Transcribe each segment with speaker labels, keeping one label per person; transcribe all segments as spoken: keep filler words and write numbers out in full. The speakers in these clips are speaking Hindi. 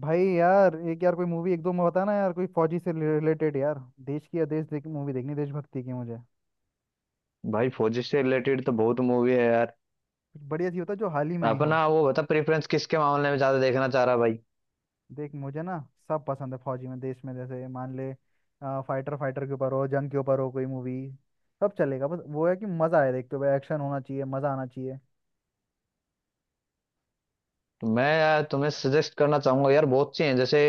Speaker 1: भाई यार, एक यार कोई मूवी एक दो में बताना यार, कोई फौजी से रिलेटेड यार। देश की या देश देख मूवी देखनी, देशभक्ति की मुझे।
Speaker 2: भाई फौजी से रिलेटेड तो बहुत मूवी है यार।
Speaker 1: कुछ बढ़िया सी होता जो हाल ही में आई
Speaker 2: अपना
Speaker 1: हो।
Speaker 2: वो बता प्रेफरेंस किसके मामले में ज्यादा देखना चाह रहा है भाई।
Speaker 1: देख मुझे ना, सब पसंद है फौजी में, देश में, जैसे मान ले फाइटर, फाइटर के ऊपर हो, जंग के ऊपर हो कोई मूवी। सब चलेगा, बस वो है कि मजा आए देखते हुए, एक्शन होना चाहिए, मजा आना चाहिए।
Speaker 2: तो मैं यार तुम्हें सजेस्ट करना चाहूंगा यार, बहुत सी हैं। जैसे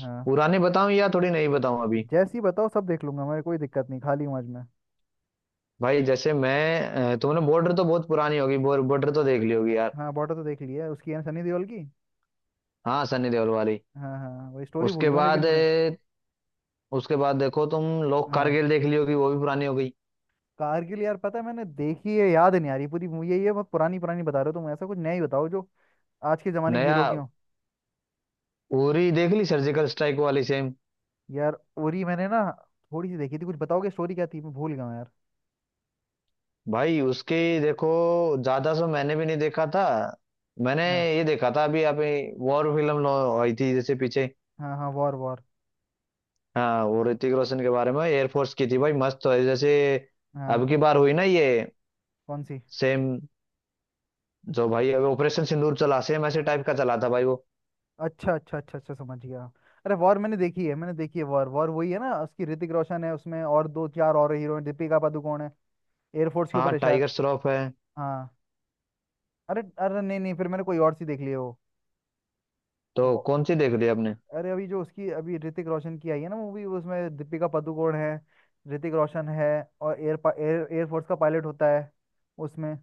Speaker 1: हाँ।
Speaker 2: पुरानी बताऊं या थोड़ी नहीं बताऊं अभी।
Speaker 1: जैसी बताओ, सब देख लूंगा मेरे, कोई दिक्कत नहीं, खाली हूँ आज मैं।
Speaker 2: भाई जैसे मैं अ, तुमने बॉर्डर तो बहुत पुरानी होगी, बॉर्डर तो देख ली होगी यार।
Speaker 1: हाँ, बॉर्डर तो देख लिया है, उसकी है ना, सनी देओल की।
Speaker 2: हाँ, सनी देओल वाली।
Speaker 1: हाँ हाँ वही। स्टोरी भूल
Speaker 2: उसके
Speaker 1: गया हूँ लेकिन
Speaker 2: बाद
Speaker 1: मैं।
Speaker 2: अ, उसके बाद देखो तुम लोग
Speaker 1: हाँ।
Speaker 2: कारगिल देख ली होगी, वो भी पुरानी हो गई।
Speaker 1: कारगिल यार, पता है मैंने देखी है, याद नहीं आ रही पूरी मूवी है ये। बहुत पुरानी पुरानी बता रहे हो तुम, ऐसा कुछ नया ही बताओ जो आज के जमाने की
Speaker 2: नया।
Speaker 1: हीरो की हो।
Speaker 2: उरी देख ली, सर्जिकल स्ट्राइक वाली, सेम।
Speaker 1: यार उरी मैंने ना, थोड़ी सी देखी थी। कुछ बताओगे स्टोरी क्या थी, मैं भूल गया हूँ यार।
Speaker 2: भाई उसके देखो, ज्यादा सो मैंने भी नहीं देखा था। मैंने
Speaker 1: हाँ
Speaker 2: ये देखा था अभी अभी। वॉर फिल्म लो- आई थी जैसे पीछे।
Speaker 1: हाँ हाँ वॉर, वॉर।
Speaker 2: हाँ, वो ऋतिक रोशन के बारे में, एयरफोर्स की थी भाई, मस्त है जैसे। अब
Speaker 1: हाँ।
Speaker 2: की बार हुई ना ये।
Speaker 1: कौन सी?
Speaker 2: सेम। जो भाई अभी ऑपरेशन सिंदूर चला, सेम ऐसे टाइप का चला था भाई वो।
Speaker 1: अच्छा अच्छा अच्छा अच्छा, समझ गया। अरे वॉर मैंने देखी है, मैंने देखी है वॉर। वॉर वही है ना, उसकी ऋतिक रोशन है उसमें, और दो चार और हीरो हैं, दीपिका पादुकोण है। एयरफोर्स के
Speaker 2: हाँ,
Speaker 1: ऊपर है शायद।
Speaker 2: टाइगर श्रॉफ है।
Speaker 1: हाँ। अरे अरे नहीं नहीं, फिर मैंने कोई और सी देख ली है वो।
Speaker 2: तो कौन सी देख ली आपने।
Speaker 1: अरे अभी जो उसकी अभी ऋतिक रोशन की आई है ना मूवी, उसमें दीपिका पादुकोण है, ऋतिक रोशन है, और एयर एयर एयरफोर्स का पायलट होता है उसमें।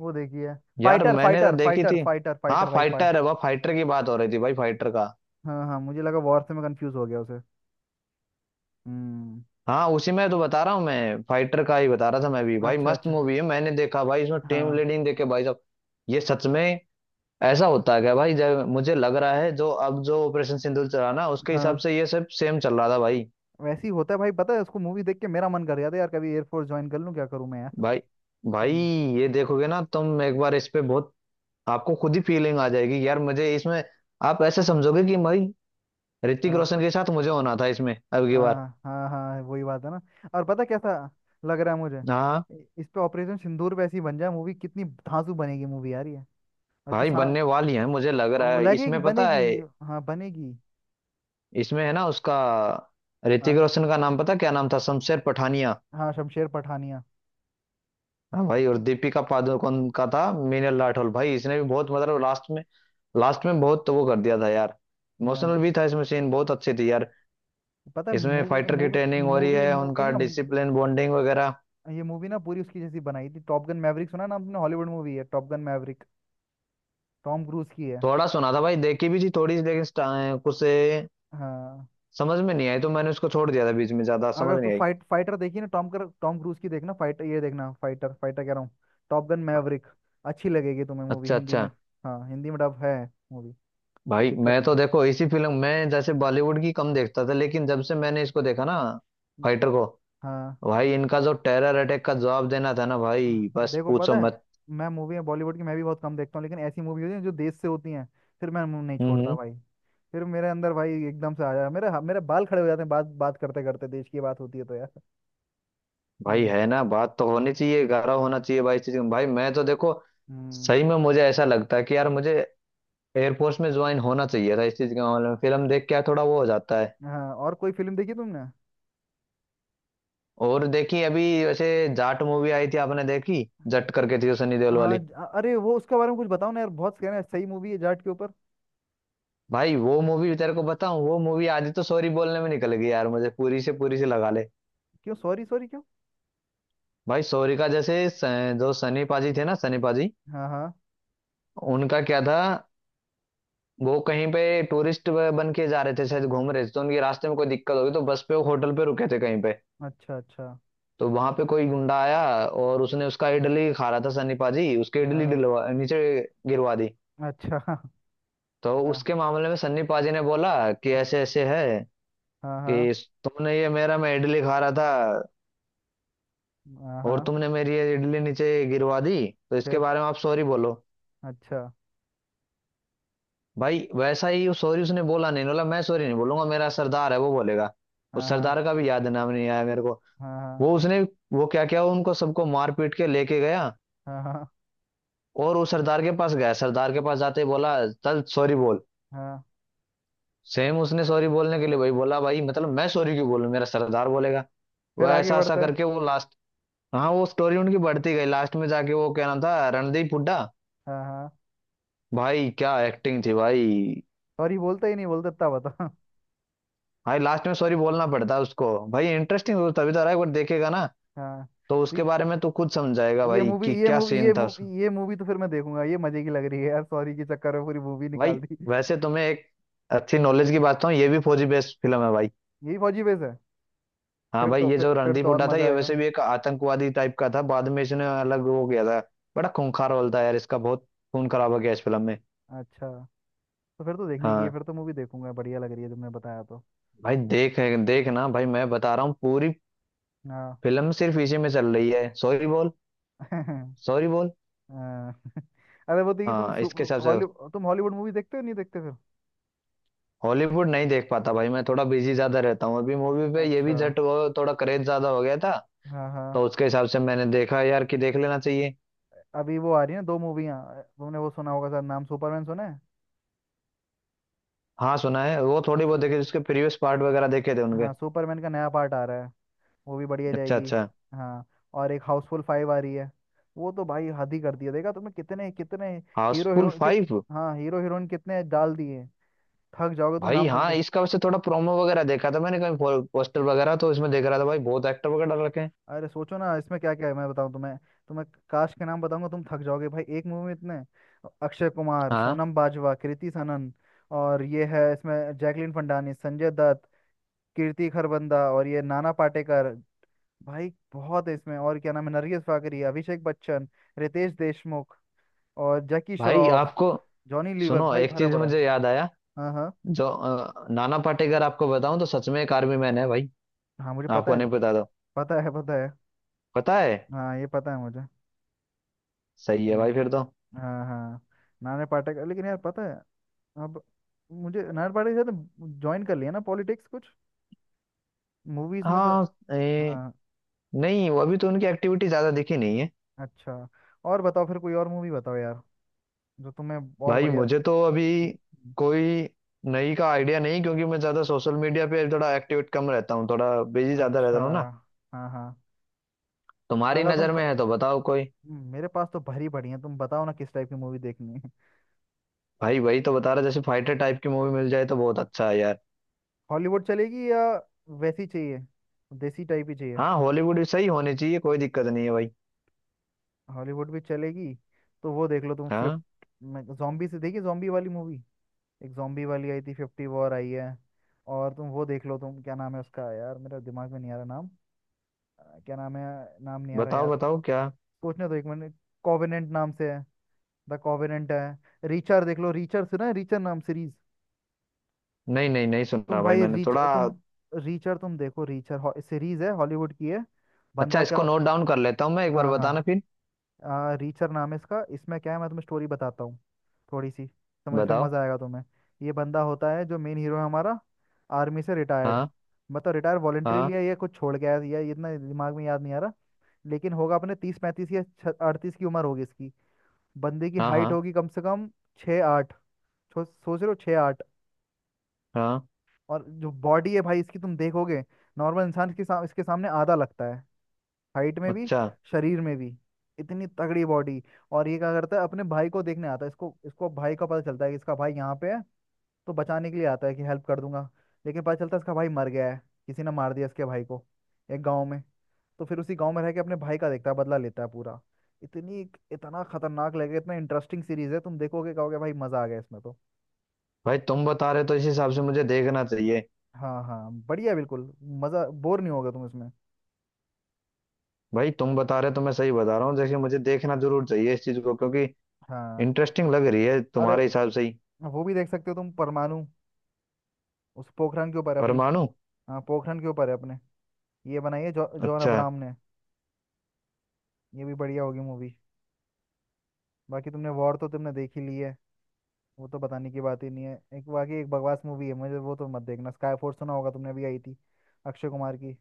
Speaker 1: वो देखी है।
Speaker 2: यार
Speaker 1: फाइटर
Speaker 2: मैंने तो
Speaker 1: फाइटर
Speaker 2: देखी
Speaker 1: फाइटर
Speaker 2: थी।
Speaker 1: फाइटर
Speaker 2: हाँ,
Speaker 1: फाइटर भाई, फाइट।
Speaker 2: फाइटर है, वह फाइटर की बात हो रही थी भाई, फाइटर का।
Speaker 1: हाँ हाँ, मुझे लगा वॉर से, मैं कंफ्यूज हो गया उसे। हम्म।
Speaker 2: हाँ, उसी में तो बता रहा हूँ, मैं फाइटर का ही बता रहा था मैं भी भाई।
Speaker 1: अच्छा
Speaker 2: मस्त
Speaker 1: अच्छा।
Speaker 2: मूवी है, मैंने देखा भाई, इसमें टीम
Speaker 1: हाँ।
Speaker 2: लीडिंग देखे भाई साहब। ये सच में ऐसा होता है क्या भाई, जब मुझे लग रहा है जो अब जो ऑपरेशन सिंदूर चला ना, उसके हिसाब
Speaker 1: हाँ।
Speaker 2: से ये सब सेम चल रहा था भाई।
Speaker 1: वैसे ही होता है भाई, पता है उसको मूवी देख के मेरा मन कर गया था यार, कभी एयरफोर्स ज्वाइन कर लूं, क्या करूं मैं यार।
Speaker 2: भाई भाई,
Speaker 1: हम्म
Speaker 2: ये देखोगे ना तुम एक बार इस पे बहुत, आपको खुद ही फीलिंग आ जाएगी यार मुझे इसमें। आप ऐसे समझोगे कि भाई ऋतिक
Speaker 1: हाँ।
Speaker 2: रोशन के साथ मुझे होना था इसमें अब की बार।
Speaker 1: हाँ हाँ हाँ वही बात है ना। और पता कैसा लग रहा है मुझे।
Speaker 2: हाँ
Speaker 1: इ- इस पे ऑपरेशन सिंदूर पे ऐसी बन जाए मूवी, कितनी धांसू बनेगी मूवी यार ये। और तो
Speaker 2: भाई,
Speaker 1: सा,
Speaker 2: बनने वाली है मुझे लग रहा
Speaker 1: वो
Speaker 2: है
Speaker 1: लगेगी,
Speaker 2: इसमें पता
Speaker 1: बनेगी।
Speaker 2: है।
Speaker 1: हाँ बनेगी।
Speaker 2: इसमें है ना उसका, ऋतिक
Speaker 1: हाँ,
Speaker 2: रोशन का नाम पता क्या नाम था, शमशेर पठानिया।
Speaker 1: हाँ शमशेर पठानिया।
Speaker 2: हाँ भाई, और दीपिका पादुकोण का था मीनल राठौर। भाई इसने भी बहुत, मतलब लास्ट में, लास्ट में बहुत तो वो कर दिया था यार। इमोशनल
Speaker 1: हाँ।
Speaker 2: भी था, इसमें सीन बहुत अच्छे थे यार।
Speaker 1: पता है
Speaker 2: इसमें
Speaker 1: मूवी
Speaker 2: फाइटर की
Speaker 1: मूवी
Speaker 2: ट्रेनिंग हो रही
Speaker 1: मूवी
Speaker 2: है,
Speaker 1: मूवी
Speaker 2: उनका
Speaker 1: ना,
Speaker 2: डिसिप्लिन, बॉन्डिंग वगैरह।
Speaker 1: ये मूवी ना पूरी उसकी जैसी बनाई थी टॉप गन मैवरिक, सुना ना आपने? हॉलीवुड मूवी है top gun maverick, Tom Cruise की है।
Speaker 2: थोड़ा सुना था भाई, देखी भी थी थोड़ी सी, लेकिन स्टा- कुछ ए,
Speaker 1: हाँ।
Speaker 2: समझ में नहीं आई, तो मैंने उसको छोड़ दिया था बीच में, ज्यादा
Speaker 1: अगर
Speaker 2: समझ
Speaker 1: तू
Speaker 2: नहीं आई।
Speaker 1: फाइट फाइटर देखी ना, टॉम कर टॉम क्रूज की देखना। फाइटर ये देखना, फाइटर, फाइटर कह रहा हूँ, टॉप गन मैवरिक। अच्छी लगेगी तुम्हें मूवी,
Speaker 2: अच्छा
Speaker 1: हिंदी
Speaker 2: अच्छा।
Speaker 1: में। हाँ, हिंदी में डब है मूवी। कोई
Speaker 2: भाई
Speaker 1: दिक्कत
Speaker 2: मैं
Speaker 1: नहीं
Speaker 2: तो
Speaker 1: आएगी।
Speaker 2: देखो इसी फिल्म, मैं जैसे बॉलीवुड की कम देखता था, लेकिन जब से मैंने इसको देखा ना, फाइटर को।
Speaker 1: हाँ,
Speaker 2: भाई इनका जो टेरर अटैक का जवाब देना था ना
Speaker 1: हाँ,
Speaker 2: भाई, बस
Speaker 1: देखो
Speaker 2: पूछो
Speaker 1: पता है,
Speaker 2: मत।
Speaker 1: मैं मूवी में बॉलीवुड की मैं भी बहुत कम देखता हूँ, लेकिन ऐसी मूवी होती है जो देश से होती हैं, फिर मैं मुंह नहीं छोड़ता
Speaker 2: हम्म।
Speaker 1: भाई। फिर मेरे अंदर भाई एकदम से आ जाए, मेरे मेरे बाल खड़े हो जाते हैं। बात बात करते करते देश की बात होती है तो यार।
Speaker 2: भाई
Speaker 1: हम्म।
Speaker 2: है ना, बात तो होनी चाहिए, गारा होना चाहिए भाई इस चीज में। भाई मैं तो देखो
Speaker 1: हम्म।
Speaker 2: सही में मुझे ऐसा लगता है कि यार मुझे एयरफोर्स में ज्वाइन होना चाहिए था। इस चीज के मामले में फिल्म देख के यार थोड़ा वो हो जाता है।
Speaker 1: हाँ, और कोई फिल्म देखी
Speaker 2: और देखी अभी वैसे, जाट मूवी आई थी, आपने देखी। जट
Speaker 1: तुमने?
Speaker 2: करके थी वो, सनी देओल
Speaker 1: हाँ
Speaker 2: वाली।
Speaker 1: ज- अ- अरे वो, उसके बारे में कुछ बताओ ना यार, बहुत कहना है, सही मूवी है जाट के ऊपर।
Speaker 2: भाई वो मूवी तेरे को बताऊं, वो मूवी आधी तो सॉरी बोलने में निकल गई यार मुझे, पूरी से पूरी से लगा ले।
Speaker 1: क्यों सॉरी, सॉरी क्यों?
Speaker 2: भाई सॉरी का जैसे, स- जो सनी पाजी थे ना, सनी पाजी,
Speaker 1: हाँ हाँ।
Speaker 2: उनका क्या था। वो कहीं पे टूरिस्ट बन के जा रहे थे शायद, घूम रहे थे, तो उनके रास्ते में कोई दिक्कत हो गई, तो बस पे वो होटल पे रुके थे कहीं पे।
Speaker 1: अच्छा अच्छा।
Speaker 2: तो वहां पे कोई गुंडा आया, और उसने उसका, इडली खा रहा था सन्नी पाजी, उसके इडली
Speaker 1: हाँ।
Speaker 2: डलवा नीचे गिरवा दी।
Speaker 1: अच्छा।
Speaker 2: तो
Speaker 1: हाँ।
Speaker 2: उसके मामले में सन्नी पाजी ने बोला कि
Speaker 1: हाँ
Speaker 2: ऐसे ऐसे है
Speaker 1: हाँ।
Speaker 2: कि
Speaker 1: हाँ,
Speaker 2: तुमने ये मेरा, मैं इडली खा रहा था
Speaker 1: हाँ
Speaker 2: और
Speaker 1: हाँ,
Speaker 2: तुमने मेरी ये इडली नीचे गिरवा दी, तो इसके
Speaker 1: फिर
Speaker 2: बारे में आप सॉरी बोलो।
Speaker 1: अच्छा।
Speaker 2: भाई वैसा ही सॉरी, उसने बोला नहीं, बोला मैं सॉरी नहीं बोलूंगा, मेरा सरदार है वो बोलेगा।
Speaker 1: हाँ
Speaker 2: उस
Speaker 1: हाँ
Speaker 2: सरदार का भी याद नाम नहीं आया मेरे को।
Speaker 1: हाँ। हाँ
Speaker 2: वो उसने, वो क्या क्या उनको सबको मार पीट के लेके गया,
Speaker 1: हाँ हाँ
Speaker 2: और उस सरदार के पास गया। सरदार के पास जाते ही बोला चल सॉरी बोल।
Speaker 1: हाँ।
Speaker 2: सेम उसने सॉरी बोलने के लिए भाई बोला, भाई मतलब मैं सॉरी क्यों बोलूं, मेरा सरदार बोलेगा।
Speaker 1: फिर
Speaker 2: वह
Speaker 1: आगे
Speaker 2: ऐसा ऐसा
Speaker 1: बढ़ता है।
Speaker 2: करके वो लास्ट। हाँ, वो स्टोरी उनकी बढ़ती गई, लास्ट में जाके वो क्या नाम था, रणदीप हुड्डा।
Speaker 1: हाँ हाँ।
Speaker 2: भाई क्या एक्टिंग थी भाई।
Speaker 1: सॉरी बोलता ही नहीं, बोलता इतना बता।
Speaker 2: भाई लास्ट में सॉरी बोलना पड़ता है उसको भाई, इंटरेस्टिंग तो तभी तो रहा है, एक बार देखेगा ना
Speaker 1: हाँ।
Speaker 2: तो
Speaker 1: तो ये,
Speaker 2: उसके बारे में तो खुद समझाएगा
Speaker 1: ये
Speaker 2: भाई
Speaker 1: मूवी
Speaker 2: कि
Speaker 1: ये
Speaker 2: क्या
Speaker 1: मूवी ये
Speaker 2: सीन था
Speaker 1: मूवी
Speaker 2: उसका।
Speaker 1: ये मूवी तो फिर मैं देखूंगा, ये मजे की लग रही है यार, सॉरी के चक्कर में पूरी मूवी
Speaker 2: भाई
Speaker 1: निकाल दी।
Speaker 2: वैसे तुम्हें एक अच्छी नॉलेज की बात बताऊं, ये भी फौजी बेस्ड फिल्म है भाई।
Speaker 1: यही फौजी बेस है?
Speaker 2: हाँ
Speaker 1: फिर
Speaker 2: भाई,
Speaker 1: तो,
Speaker 2: ये जो
Speaker 1: फिर फिर
Speaker 2: रणदीप
Speaker 1: तो और
Speaker 2: हुड्डा था,
Speaker 1: मजा
Speaker 2: ये
Speaker 1: आएगा।
Speaker 2: वैसे भी एक आतंकवादी टाइप का था, बाद में इसने अलग हो गया था। बड़ा खूंखार रोल था यार इसका, बहुत खून खराब हो गया इस फिल्म में।
Speaker 1: अच्छा। तो फिर तो देखने की है,
Speaker 2: हाँ
Speaker 1: फिर तो मूवी देखूंगा, बढ़िया लग रही है तुमने बताया तो।
Speaker 2: भाई, देख, देख ना भाई, मैं बता रहा हूँ, पूरी
Speaker 1: हाँ।
Speaker 2: फिल्म सिर्फ इसी में चल रही है, सॉरी बोल, सॉरी बोल।
Speaker 1: हाँ। अरे वो देखिए तुम,
Speaker 2: हाँ इसके हिसाब से।
Speaker 1: हॉलीवुड, तुम हॉलीवुड मूवी देखते हो, नहीं देखते फिर?
Speaker 2: हॉलीवुड नहीं देख पाता भाई, मैं थोड़ा बिजी ज्यादा रहता हूँ अभी, मूवी पे ये भी
Speaker 1: अच्छा।
Speaker 2: जट वो थोड़ा क्रेज ज्यादा हो गया था,
Speaker 1: हाँ हाँ।
Speaker 2: तो उसके हिसाब से मैंने देखा यार कि देख लेना चाहिए।
Speaker 1: अभी वो आ रही है ना दो मूवियाँ, तुमने वो सुना होगा शायद नाम, सुपरमैन सुना है?
Speaker 2: हाँ सुना है, वो थोड़ी
Speaker 1: सु,
Speaker 2: बहुत देखे उसके प्रीवियस पार्ट वगैरह देखे थे उनके।
Speaker 1: हाँ, सुपरमैन का नया पार्ट आ रहा है, वो भी बढ़िया
Speaker 2: अच्छा
Speaker 1: जाएगी।
Speaker 2: अच्छा।
Speaker 1: हाँ। और एक हाउसफुल फाइव आ रही है, वो तो भाई हद ही कर दिया, देखा तुमने कितने कितने हीरो हीरो
Speaker 2: हाउसफुल
Speaker 1: कित
Speaker 2: फाइव।
Speaker 1: हाँ, हीरो हीरोइन कितने डाल दिए। थक जाओगे तुम
Speaker 2: भाई
Speaker 1: नाम
Speaker 2: हाँ,
Speaker 1: सुनते।
Speaker 2: इसका वैसे थोड़ा प्रोमो वगैरह देखा था मैंने, कहीं पोस्टर वगैरह तो इसमें देख रहा था भाई, बहुत एक्टर वगैरह डाल रखे हैं।
Speaker 1: अरे सोचो ना इसमें क्या क्या है, मैं बताऊं तुम्हें, तुम्हें काश के नाम बताऊंगा तुम थक जाओगे, भाई एक मूवी में इतने। अक्षय कुमार,
Speaker 2: हाँ
Speaker 1: सोनम बाजवा, कृति सनन, और ये है इसमें जैकलीन फंडानी, संजय दत्त, कीर्ति खरबंदा, और ये नाना पाटेकर। भाई बहुत है इसमें, और क्या नाम है, नरगिस फाकरी, अभिषेक बच्चन, रितेश देशमुख, और जैकी
Speaker 2: भाई
Speaker 1: श्रॉफ,
Speaker 2: आपको,
Speaker 1: जॉनी लीवर,
Speaker 2: सुनो
Speaker 1: भाई
Speaker 2: एक
Speaker 1: भरा
Speaker 2: चीज
Speaker 1: पड़ा है।
Speaker 2: मुझे याद आया।
Speaker 1: हाँ हाँ,
Speaker 2: जो अ, नाना पाटेकर आपको बताऊं तो सच में एक आर्मी मैन है भाई।
Speaker 1: हाँ मुझे पता
Speaker 2: आपको
Speaker 1: है।
Speaker 2: नहीं पता तो।
Speaker 1: पता है, पता है।
Speaker 2: पता है।
Speaker 1: हाँ ये पता है मुझे।
Speaker 2: सही है भाई
Speaker 1: हम्म।
Speaker 2: फिर तो।
Speaker 1: हाँ हाँ। नाना पाटेकर, लेकिन यार पता है, अब मुझे नायर पार्टी के साथ ज्वाइन कर लिया ना, पॉलिटिक्स कुछ मूवीज में तो।
Speaker 2: हाँ ए,
Speaker 1: हाँ।
Speaker 2: नहीं वो अभी तो उनकी एक्टिविटी ज्यादा दिखी नहीं है।
Speaker 1: अच्छा। और बताओ फिर कोई और मूवी बताओ यार, जो तुम्हें और
Speaker 2: भाई
Speaker 1: बढ़िया।
Speaker 2: मुझे तो अभी कोई नई का आइडिया नहीं, क्योंकि मैं ज्यादा सोशल मीडिया पे थोड़ा एक्टिवेट कम रहता हूँ, थोड़ा बिजी ज्यादा रहता
Speaker 1: अच्छा।
Speaker 2: हूँ ना।
Speaker 1: हाँ हाँ।
Speaker 2: तुम्हारी
Speaker 1: अगर तुम
Speaker 2: नजर
Speaker 1: ख...
Speaker 2: में है तो बताओ कोई।
Speaker 1: मेरे पास तो भरी पड़ी है, तुम बताओ ना किस टाइप की मूवी देखनी है।
Speaker 2: भाई वही तो बता रहा, जैसे फाइटर टाइप की मूवी मिल जाए तो बहुत अच्छा है यार।
Speaker 1: हॉलीवुड चलेगी या वैसी चाहिए, देसी टाइप ही चाहिए?
Speaker 2: हाँ, हॉलीवुड भी सही होनी चाहिए, कोई दिक्कत नहीं है भाई।
Speaker 1: हॉलीवुड भी चलेगी। तो वो देख लो तुम, फिफ्थ
Speaker 2: हाँ,
Speaker 1: में जॉम्बी से, देखी जॉम्बी वाली मूवी? एक जॉम्बी वाली आई थी, फिफ्टी वॉर आई है। और तुम वो देख लो, तुम क्या नाम है उसका, यार मेरा दिमाग में नहीं आ रहा नाम। अ, क्या नाम है, नाम नहीं आ रहा
Speaker 2: बताओ
Speaker 1: यार।
Speaker 2: बताओ क्या।
Speaker 1: सोचने दो एक मिनट। कॉवेनेंट नाम से है, द कॉवेनेंट है। रीचर देख लो, रीचर सुना है? रीचर नाम सीरीज।
Speaker 2: नहीं नहीं नहीं, सुनना
Speaker 1: तुम
Speaker 2: भाई
Speaker 1: भाई
Speaker 2: मैंने
Speaker 1: रीच
Speaker 2: थोड़ा।
Speaker 1: तुम रीचर तुम देखो, रीचर सीरीज है, हॉलीवुड की है।
Speaker 2: अच्छा,
Speaker 1: बंदा क्या।
Speaker 2: इसको नोट डाउन कर लेता हूँ मैं, एक बार
Speaker 1: हाँ
Speaker 2: बताना फिर।
Speaker 1: हाँ। आ, रीचर नाम है इसका, इसमें क्या है मैं तुम्हें स्टोरी बताता हूँ थोड़ी सी, समझ, फिर
Speaker 2: बताओ।
Speaker 1: मज़ा आएगा तुम्हें। ये बंदा होता है जो मेन हीरो है हमारा, आर्मी से रिटायर्ड।
Speaker 2: हाँ,
Speaker 1: मतलब रिटायर, वॉलेंट्री
Speaker 2: हाँ,
Speaker 1: लिया या कुछ छोड़ गया है, या ये इतना दिमाग में याद नहीं आ रहा। लेकिन होगा अपने तीस पैंतीस या अड़तीस की उम्र होगी इसकी। बंदे की
Speaker 2: हाँ, हाँ,
Speaker 1: हाइट होगी कम से कम छः आठ, छो- सोच रहे हो, छः आठ।
Speaker 2: हाँ।
Speaker 1: और जो बॉडी है भाई इसकी, तुम देखोगे नॉर्मल इंसान के साम, इसके सामने आधा लगता है, हाइट में भी,
Speaker 2: अच्छा।
Speaker 1: शरीर में भी, इतनी तगड़ी बॉडी। और ये क्या करता है, अपने भाई को देखने आता है, इसको इसको भाई का पता चलता है कि इसका भाई यहाँ पे है, तो बचाने के लिए आता है कि हेल्प कर दूंगा, लेकिन पता चलता है इसका भाई मर गया है, किसी ने मार दिया इसके भाई को एक गांव में। तो फिर उसी गांव में रह के अपने भाई का देखता है, बदला लेता है पूरा। इतनी इतना खतरनाक लगेगा, इतना इंटरेस्टिंग सीरीज है, तुम देखोगे कहोगे भाई मजा आ गया इसमें तो।
Speaker 2: भाई तुम बता रहे तो इस हिसाब से मुझे देखना चाहिए।
Speaker 1: हाँ हाँ बढ़िया, बिल्कुल मजा, बोर नहीं होगा तुम इसमें।
Speaker 2: भाई तुम बता रहे तो मैं सही बता रहा हूँ, जैसे मुझे देखना जरूर चाहिए इस चीज को, क्योंकि
Speaker 1: हाँ।
Speaker 2: इंटरेस्टिंग लग रही है
Speaker 1: अरे
Speaker 2: तुम्हारे हिसाब से ही।
Speaker 1: वो भी देख सकते हो तुम, परमाणु, उस पोखरण के ऊपर है अपनी।
Speaker 2: परमाणु।
Speaker 1: हाँ, पोखरण के ऊपर है अपने, ये बनाई है जॉ, जॉन
Speaker 2: अच्छा।
Speaker 1: अब्राहम ने। ये भी बढ़िया होगी मूवी। बाकी तुमने वॉर तो तुमने देख ही ली है, वो तो बताने की बात ही नहीं है। एक बाकी एक बकवास मूवी है मुझे, वो तो मत देखना, स्काई फोर्स सुना होगा तुमने, अभी आई थी अक्षय कुमार की।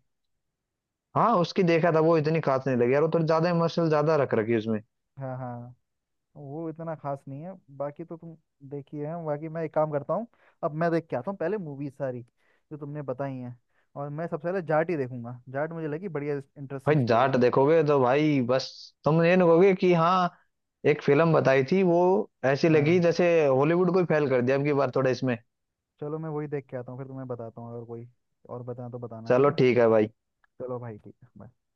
Speaker 2: हाँ उसकी देखा था, वो इतनी खास नहीं लगी यार, वो थोड़ी ज्यादा इमोशनल ज्यादा रख रखी है उसमें।
Speaker 1: हाँ हाँ, वो इतना खास नहीं है। बाकी तो तुम, देखी है बाकी। मैं एक काम करता हूँ, अब मैं देख के आता हूँ पहले मूवी सारी जो तुमने बताई हैं, और मैं सबसे पहले जाट ही देखूंगा, जाट मुझे लगी बढ़िया,
Speaker 2: भाई
Speaker 1: इंटरेस्टिंग स्टोरी।
Speaker 2: जाट देखोगे तो भाई बस, तुम ये नहीं कहोगे कि हाँ एक फिल्म बताई थी वो, ऐसी लगी
Speaker 1: हाँ।
Speaker 2: जैसे हॉलीवुड को ही फेल कर दिया अब की बार थोड़ा इसमें।
Speaker 1: चलो मैं वही देख के आता हूँ, फिर तुम्हें बताता हूँ। अगर कोई और बताना तो बताना, ठीक
Speaker 2: चलो
Speaker 1: है।
Speaker 2: ठीक है भाई।
Speaker 1: चलो भाई, ठीक है bye।